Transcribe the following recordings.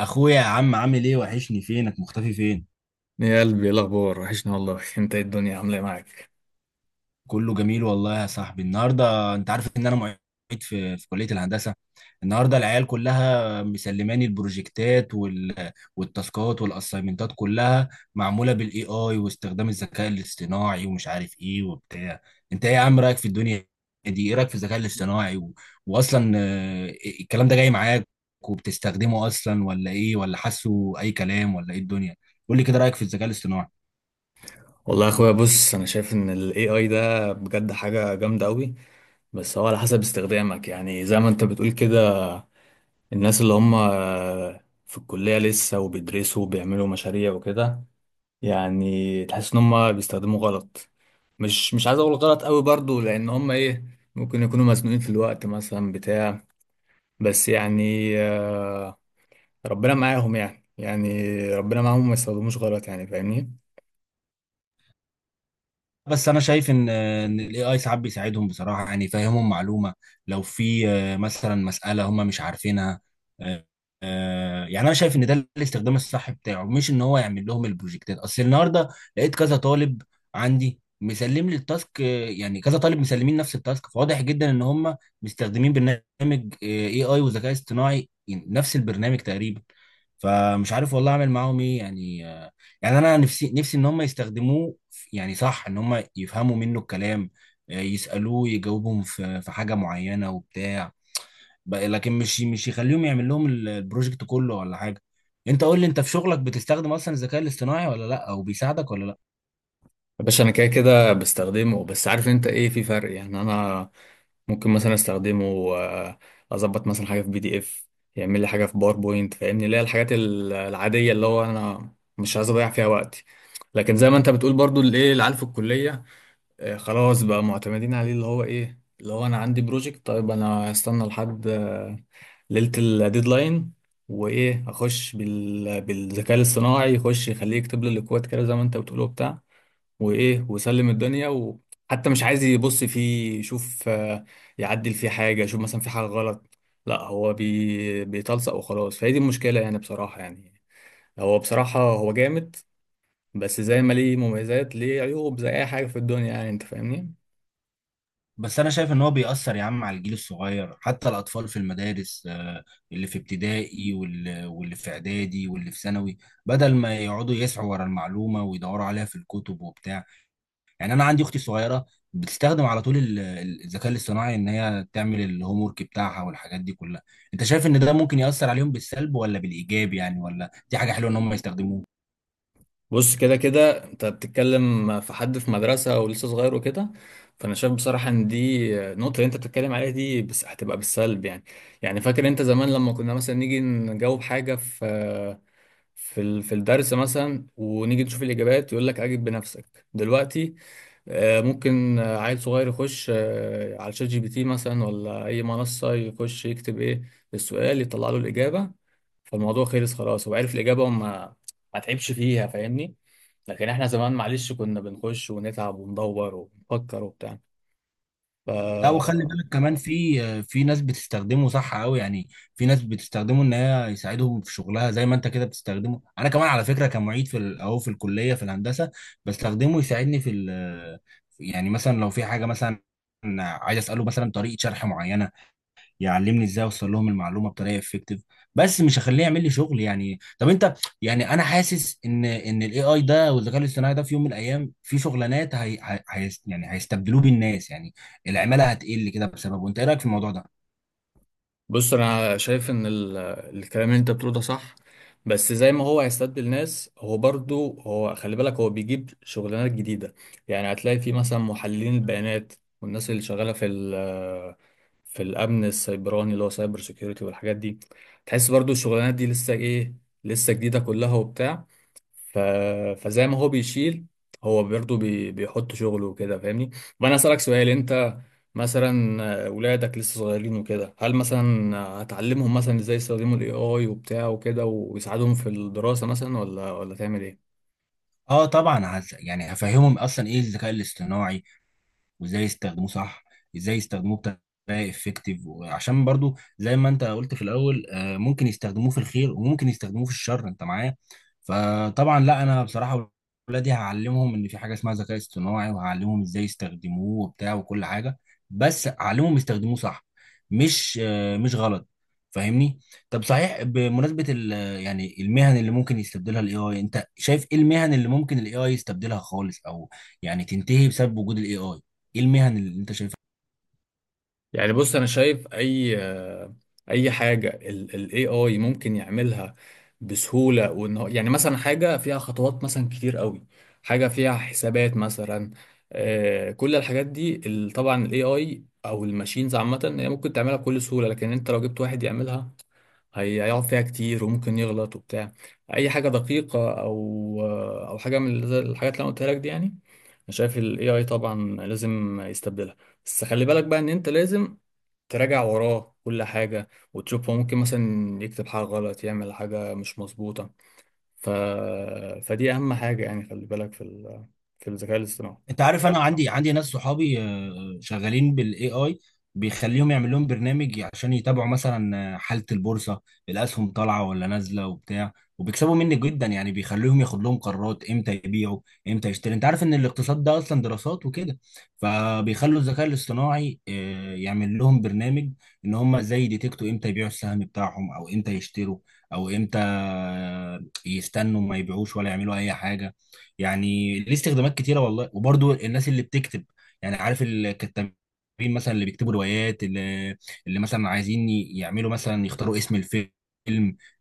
اخويا يا عم عامل ايه؟ وحشني، فينك مختفي؟ فين يا قلبي، ايه الاخبار؟ وحشنا والله. انت ايه؟ الدنيا عامله ايه معاك؟ كله جميل والله يا صاحبي. النهارده انت عارف ان انا معيد في كليه الهندسه. النهارده العيال كلها مسلماني البروجكتات والتاسكات والاسايمنتات كلها معموله بالاي اي واستخدام الذكاء الاصطناعي ومش عارف ايه وبتاع. انت ايه يا عم رايك في الدنيا دي؟ ايه رايك في الذكاء الاصطناعي واصلا الكلام ده جاي معاك وبتستخدمه اصلا، ولا ايه؟ ولا حاسه اي كلام، ولا ايه الدنيا؟ قول لي كده رايك في الذكاء الاصطناعي. والله يا اخويا، بص، انا شايف ان الاي اي ده بجد حاجه جامده قوي. بس هو على حسب استخدامك يعني، زي ما انت بتقول كده. الناس اللي هم في الكليه لسه وبيدرسوا وبيعملوا مشاريع وكده، يعني تحس ان هم بيستخدموا غلط. مش عايز اقول غلط قوي برضو، لان هم ايه، ممكن يكونوا مزنوقين في الوقت مثلا، بتاع. بس يعني ربنا معاهم، يعني ربنا معاهم ما يستخدموش غلط، يعني فاهمني. بس انا شايف ان الاي اي ساعات بيساعدهم بصراحه، يعني يفهمهم معلومه لو في مثلا مساله هم مش عارفينها. آه، يعني انا شايف ان ده الاستخدام الصح بتاعه، مش ان هو يعمل لهم البروجكتات. اصل النهارده لقيت كذا طالب عندي مسلم لي التاسك، يعني كذا طالب مسلمين نفس التاسك، فواضح جدا ان هم مستخدمين برنامج اي اي وذكاء اصطناعي، يعني نفس البرنامج تقريبا. فمش عارف والله اعمل معاهم ايه يعني. يعني انا نفسي نفسي ان هم يستخدموه يعني صح ان هم يفهموا منه الكلام، يسالوه يجاوبهم في حاجه معينه وبتاع، لكن مش يخليهم يعمل لهم البروجكت كله ولا حاجه. انت قول لي انت في شغلك بتستخدم اصلا الذكاء الاصطناعي ولا لا؟ او بيساعدك ولا لا؟ باشا، انا كده كده بستخدمه. بس عارف انت ايه؟ في فرق يعني، انا ممكن مثلا استخدمه، آه، اظبط مثلا حاجه في بي دي اف، يعمل لي حاجه في باوربوينت، فاهمني، اللي هي الحاجات العاديه اللي هو انا مش عايز اضيع فيها وقتي. لكن زي ما انت بتقول برضو، اللي ايه العيال في الكليه، خلاص بقى معتمدين عليه، اللي هو ايه، اللي هو انا عندي بروجكت. طيب، انا هستنى لحد ليله الديدلاين، وايه، اخش بالذكاء الاصطناعي، يخش يخليه يكتب لي الاكواد كده زي ما انت بتقول وبتاع، وايه وسلم الدنيا، وحتى مش عايز يبص فيه يشوف يعدل فيه حاجه، يشوف مثلا في حاجه غلط. لا، هو بيتلصق وخلاص. فهي دي المشكله يعني، بصراحه يعني. هو بصراحه هو جامد. بس زي ما ليه مميزات ليه عيوب، زي اي حاجه في الدنيا، يعني انت فاهمني. بس انا شايف ان هو بيأثر يا عم على الجيل الصغير، حتى الاطفال في المدارس، اللي في ابتدائي واللي في اعدادي واللي في ثانوي، بدل ما يقعدوا يسعوا ورا المعلومه ويدوروا عليها في الكتب وبتاع. يعني انا عندي اختي الصغيره بتستخدم على طول الذكاء الاصطناعي ان هي تعمل الهوم ورك بتاعها والحاجات دي كلها. انت شايف ان ده ممكن ياثر عليهم بالسلب ولا بالايجاب؟ يعني ولا دي حاجه حلوه ان هم يستخدموه؟ بص، كده كده انت بتتكلم في حد في مدرسة ولسه صغير وكده. فانا شايف بصراحة ان دي النقطة اللي انت بتتكلم عليها دي بس، هتبقى بالسلب يعني. يعني فاكر انت زمان لما كنا مثلا نيجي نجاوب حاجة في في الدرس مثلا، ونيجي نشوف الاجابات يقول لك اجب بنفسك. دلوقتي ممكن عيل صغير يخش على شات جي بي تي مثلا، ولا اي منصة، يخش يكتب ايه السؤال، يطلع له الاجابة. فالموضوع خلص خلاص، هو عرف الإجابة، وما ما تعبش فيها، فاهمني. لكن احنا زمان معلش كنا بنخش ونتعب وندور ونفكر وبتاع. ف لا، وخلي بالك كمان في ناس بتستخدمه صح قوي يعني. في ناس بتستخدمه ان هي يساعدهم في شغلها، زي ما انت كده بتستخدمه. انا كمان على فكره كمعيد في اهو في الكليه في الهندسه، بستخدمه يساعدني في يعني مثلا لو في حاجه مثلا عايز اساله مثلا طريقه شرح معينه، يعلمني ازاي اوصل لهم المعلومه بطريقه افكتيف. بس مش هخليه يعمل لي شغل يعني. طب انت، يعني انا حاسس ان الاي اي ده والذكاء الاصطناعي ده في يوم من الايام في شغلانات يعني هيستبدلوه بالناس يعني. العماله هتقل كده بسببه. انت ايه رايك في الموضوع ده؟ بص، انا شايف ان الكلام اللي انت بتقوله ده صح. بس زي ما هو هيستبدل ناس، هو برضو، هو خلي بالك، هو بيجيب شغلانات جديدة. يعني هتلاقي في مثلا محللين البيانات، والناس اللي شغالة في الامن السيبراني اللي هو سايبر سيكيورتي والحاجات دي. تحس برضو الشغلانات دي لسه ايه، لسه جديدة كلها وبتاع. ف... فزي ما هو بيشيل، هو برضه بيحط شغله وكده، فاهمني. وانا اسالك سؤال، انت مثلا ولادك لسه صغيرين وكده، هل مثلا هتعلمهم مثلا ازاي يستخدموا الاي اي وبتاع وكده ويساعدهم في الدراسة مثلا، ولا تعمل ايه؟ اه طبعا، يعني هفهمهم اصلا ايه الذكاء الاصطناعي وازاي يستخدموه صح، ازاي يستخدموه بطريقه افكتيف. وعشان برضو زي ما انت قلت في الاول، ممكن يستخدموه في الخير وممكن يستخدموه في الشر. انت معايا؟ فطبعا لا، انا بصراحه ولادي هعلمهم ان في حاجه اسمها ذكاء اصطناعي، وهعلمهم ازاي يستخدموه وبتاع وكل حاجه. بس اعلمهم يستخدموه صح، مش مش غلط، فاهمني؟ طب صحيح، بمناسبه يعني المهن اللي ممكن يستبدلها الاي اي، انت شايف ايه المهن اللي ممكن الاي اي يستبدلها خالص او يعني تنتهي بسبب وجود الاي اي؟ ايه المهن اللي انت شايفها؟ يعني بص، انا شايف اي حاجه الاي اي ممكن يعملها بسهوله، وان هو يعني مثلا حاجه فيها خطوات مثلا كتير قوي، حاجه فيها حسابات مثلا، كل الحاجات دي طبعا الاي اي او الماشينز عامه هي ممكن تعملها بكل سهوله، لكن انت لو جبت واحد يعملها، هيقعد فيها كتير وممكن يغلط وبتاع. اي حاجه دقيقه، او حاجه من زي الحاجات اللي انا قلتها لك دي يعني، انا شايف الاي اي طبعا لازم يستبدلها. بس خلي بالك بقى ان انت لازم تراجع وراه كل حاجة وتشوف، هو ممكن مثلا يكتب حاجة غلط، يعمل حاجة مش مظبوطة. ف... فدي أهم حاجة، يعني خلي بالك في الذكاء الاصطناعي. انت عارف انا عندي ناس صحابي شغالين بالاي اي. بيخليهم يعمل لهم برنامج عشان يتابعوا مثلا حالة البورصة، الاسهم طالعة ولا نازلة وبتاع، وبيكسبوا مني جدا يعني. بيخليهم ياخد لهم قرارات امتى يبيعوا، امتى يشتري. انت عارف ان الاقتصاد ده اصلا دراسات وكده، فبيخلوا الذكاء الاصطناعي يعمل لهم برنامج ان هم زي ديتكتوا امتى يبيعوا السهم بتاعهم او امتى يشتروا او امتى يستنوا ما يبيعوش ولا يعملوا اي حاجة. يعني ليه استخدامات كتيره والله. وبرضو الناس اللي بتكتب، يعني عارف الكتابين مثلا اللي بيكتبوا روايات، اللي مثلا عايزين يعملوا مثلا يختاروا اسم الفيلم،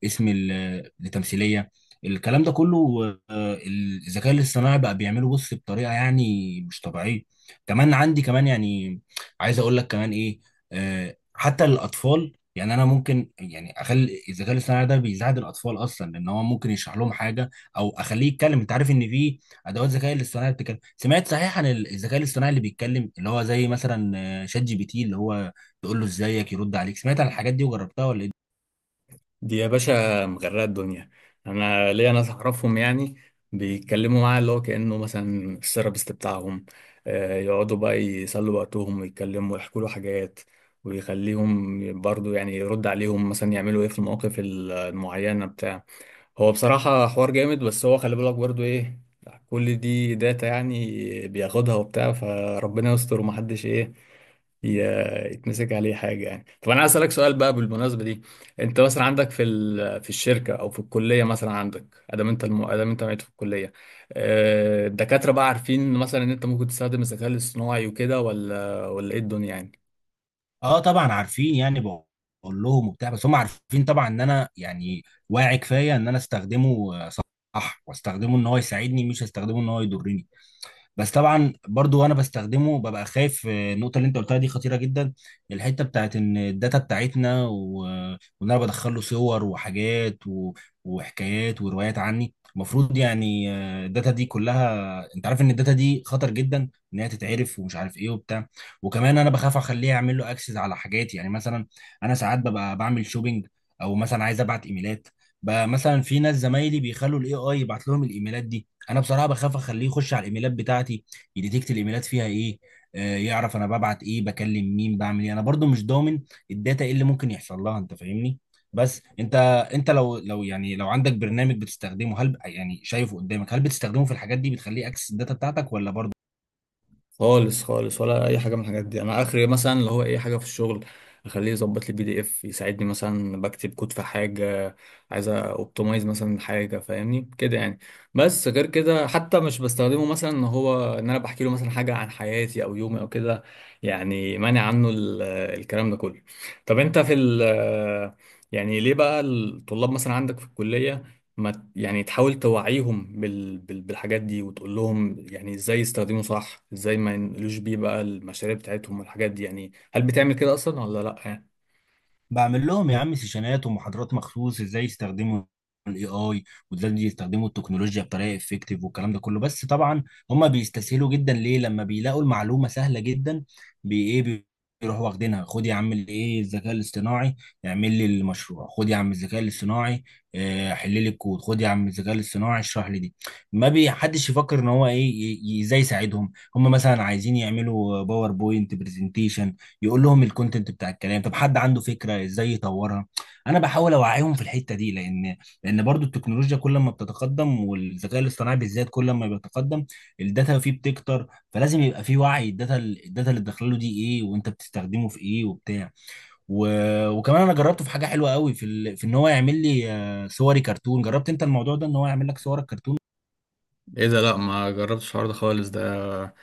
اسم التمثيليه، الكلام ده كله، الذكاء الاصطناعي بقى بيعمله بص بطريقه يعني مش طبيعيه. كمان عندي كمان يعني عايز اقول لك كمان ايه، حتى الاطفال. يعني انا ممكن يعني اخلي الذكاء الاصطناعي ده بيساعد الاطفال اصلا، لان هو ممكن يشرح لهم حاجه او اخليه يتكلم. انت عارف ان في ادوات ذكاء الاصطناعي بتتكلم؟ سمعت صحيح عن الذكاء الاصطناعي اللي بيتكلم؟ اللي هو زي مثلا شات جي بي تي، اللي هو تقول له ازيك يرد عليك. سمعت عن الحاجات دي وجربتها ولا ايه؟ دي يا باشا مغرقة الدنيا. أنا ليا ناس أعرفهم يعني، بيتكلموا معاه اللي هو كأنه مثلا الثيرابيست بتاعهم. يقعدوا بقى يسلوا وقتهم ويتكلموا ويحكوا له حاجات، ويخليهم برضو يعني يرد عليهم مثلا يعملوا ايه في المواقف المعينة، بتاع. هو بصراحة حوار جامد، بس هو خلي بالك برضو ايه، كل دي داتا يعني بياخدها وبتاع، فربنا يستر، ومحدش ايه، يتمسك عليه حاجة يعني. طب انا عايز اسألك سؤال بقى بالمناسبة دي. انت مثلا عندك في الشركة، او في الكلية مثلا، عندك ادام انت معيد في الكلية، الدكاترة بقى عارفين مثلا ان انت ممكن تستخدم الذكاء الاصطناعي وكده، ولا ايه الدنيا يعني؟ اه طبعا عارفين يعني، بقول لهم وبتاع، بس هم عارفين طبعا ان انا يعني واعي كفايه ان انا استخدمه صح، واستخدمه ان هو يساعدني مش هستخدمه ان هو يضرني. بس طبعا برضو وانا بستخدمه ببقى خايف، النقطه اللي انت قلتها دي خطيره جدا، الحته بتاعت ان الداتا بتاعتنا وان انا بدخل له صور وحاجات وحكايات وروايات عني، المفروض يعني الداتا دي كلها. انت عارف ان الداتا دي خطر جدا ان هي تتعرف ومش عارف ايه وبتاع. وكمان انا بخاف اخليه اعمل له اكسس على حاجاتي. يعني مثلا انا ساعات ببقى بعمل شوبينج، او مثلا عايز ابعت ايميلات. بقى مثلا في ناس زمايلي بيخلوا الاي اي يبعت لهم الايميلات دي، انا بصراحه بخاف اخليه يخش على الايميلات بتاعتي، يديتكت الايميلات فيها ايه، آه يعرف انا ببعت ايه، بكلم مين، بعمل ايه. انا برضو مش ضامن الداتا ايه اللي ممكن يحصل لها، انت فاهمني؟ بس انت، انت لو يعني لو عندك برنامج بتستخدمه، هل يعني شايفه قدامك، هل بتستخدمه في الحاجات دي؟ بتخليه اكسس الداتا بتاعتك ولا برضو؟ خالص خالص، ولا اي حاجه من الحاجات دي. انا اخري مثلا اللي هو اي حاجه في الشغل، اخليه يظبط لي بي دي اف، يساعدني مثلا بكتب كود في حاجه، عايز اوبتمايز مثلا حاجه، فاهمني كده يعني. بس غير كده حتى مش بستخدمه مثلا ان هو ان انا بحكي له مثلا حاجه عن حياتي او يومي او كده. يعني مانع عنه الكلام ده كله. طب انت في ال يعني ليه بقى الطلاب مثلا عندك في الكليه ما ت- يعني تحاول توعيهم بالحاجات دي، وتقول لهم يعني ازاي يستخدموا صح، ازاي ما ينقلوش بيه بقى المشاريع بتاعتهم والحاجات دي. يعني هل بتعمل كده اصلا ولا لا يعني؟ بعمل لهم يا عم سيشنات ومحاضرات مخصوص ازاي يستخدموا الاي اي، وازاي يستخدموا التكنولوجيا بطريقه افكتيف، والكلام ده كله. بس طبعا هم بيستسهلوا جدا. ليه؟ لما بيلاقوا المعلومه سهله جدا، بي ايه بي- بيروحوا واخدينها. خد يا عم الايه الذكاء الاصطناعي اعمل لي المشروع، خد يا عم الذكاء الاصطناعي حل لي الكود، خد يا عم الذكاء الاصطناعي اشرح لي دي. ما بيحدش يفكر ان هو ايه، ازاي يساعدهم. هم مثلا عايزين يعملوا باوربوينت برزنتيشن، يقول لهم الكونتنت بتاع الكلام. طب حد عنده فكره ازاي يطورها؟ انا بحاول اوعيهم في الحته دي، لان برضو التكنولوجيا كل ما بتتقدم، والذكاء الاصطناعي بالذات كل ما بيتقدم، الداتا فيه بتكتر. فلازم يبقى فيه وعي، الداتا اللي داخله دي ايه، وانت بتستخدمه في ايه وبتاع. و... وكمان انا جربته في حاجه حلوه قوي في في ان هو يعمل لي صوري كرتون. جربت انت الموضوع ده ان هو يعمل لك صورك كرتون؟ ايه ده؟ لا، ما جربتش الحوار ده خالص. ده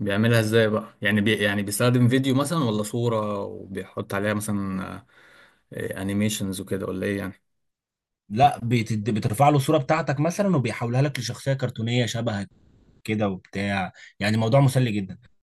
بيعملها ازاي بقى؟ يعني يعني بيستخدم فيديو مثلا ولا صورة، وبيحط عليها مثلا انيميشنز وكده، ولا ايه يعني؟ لا، بترفع له الصوره بتاعتك مثلا، وبيحولها لك لشخصيه كرتونيه شبهك كده وبتاع. يعني موضوع مسلي جدا.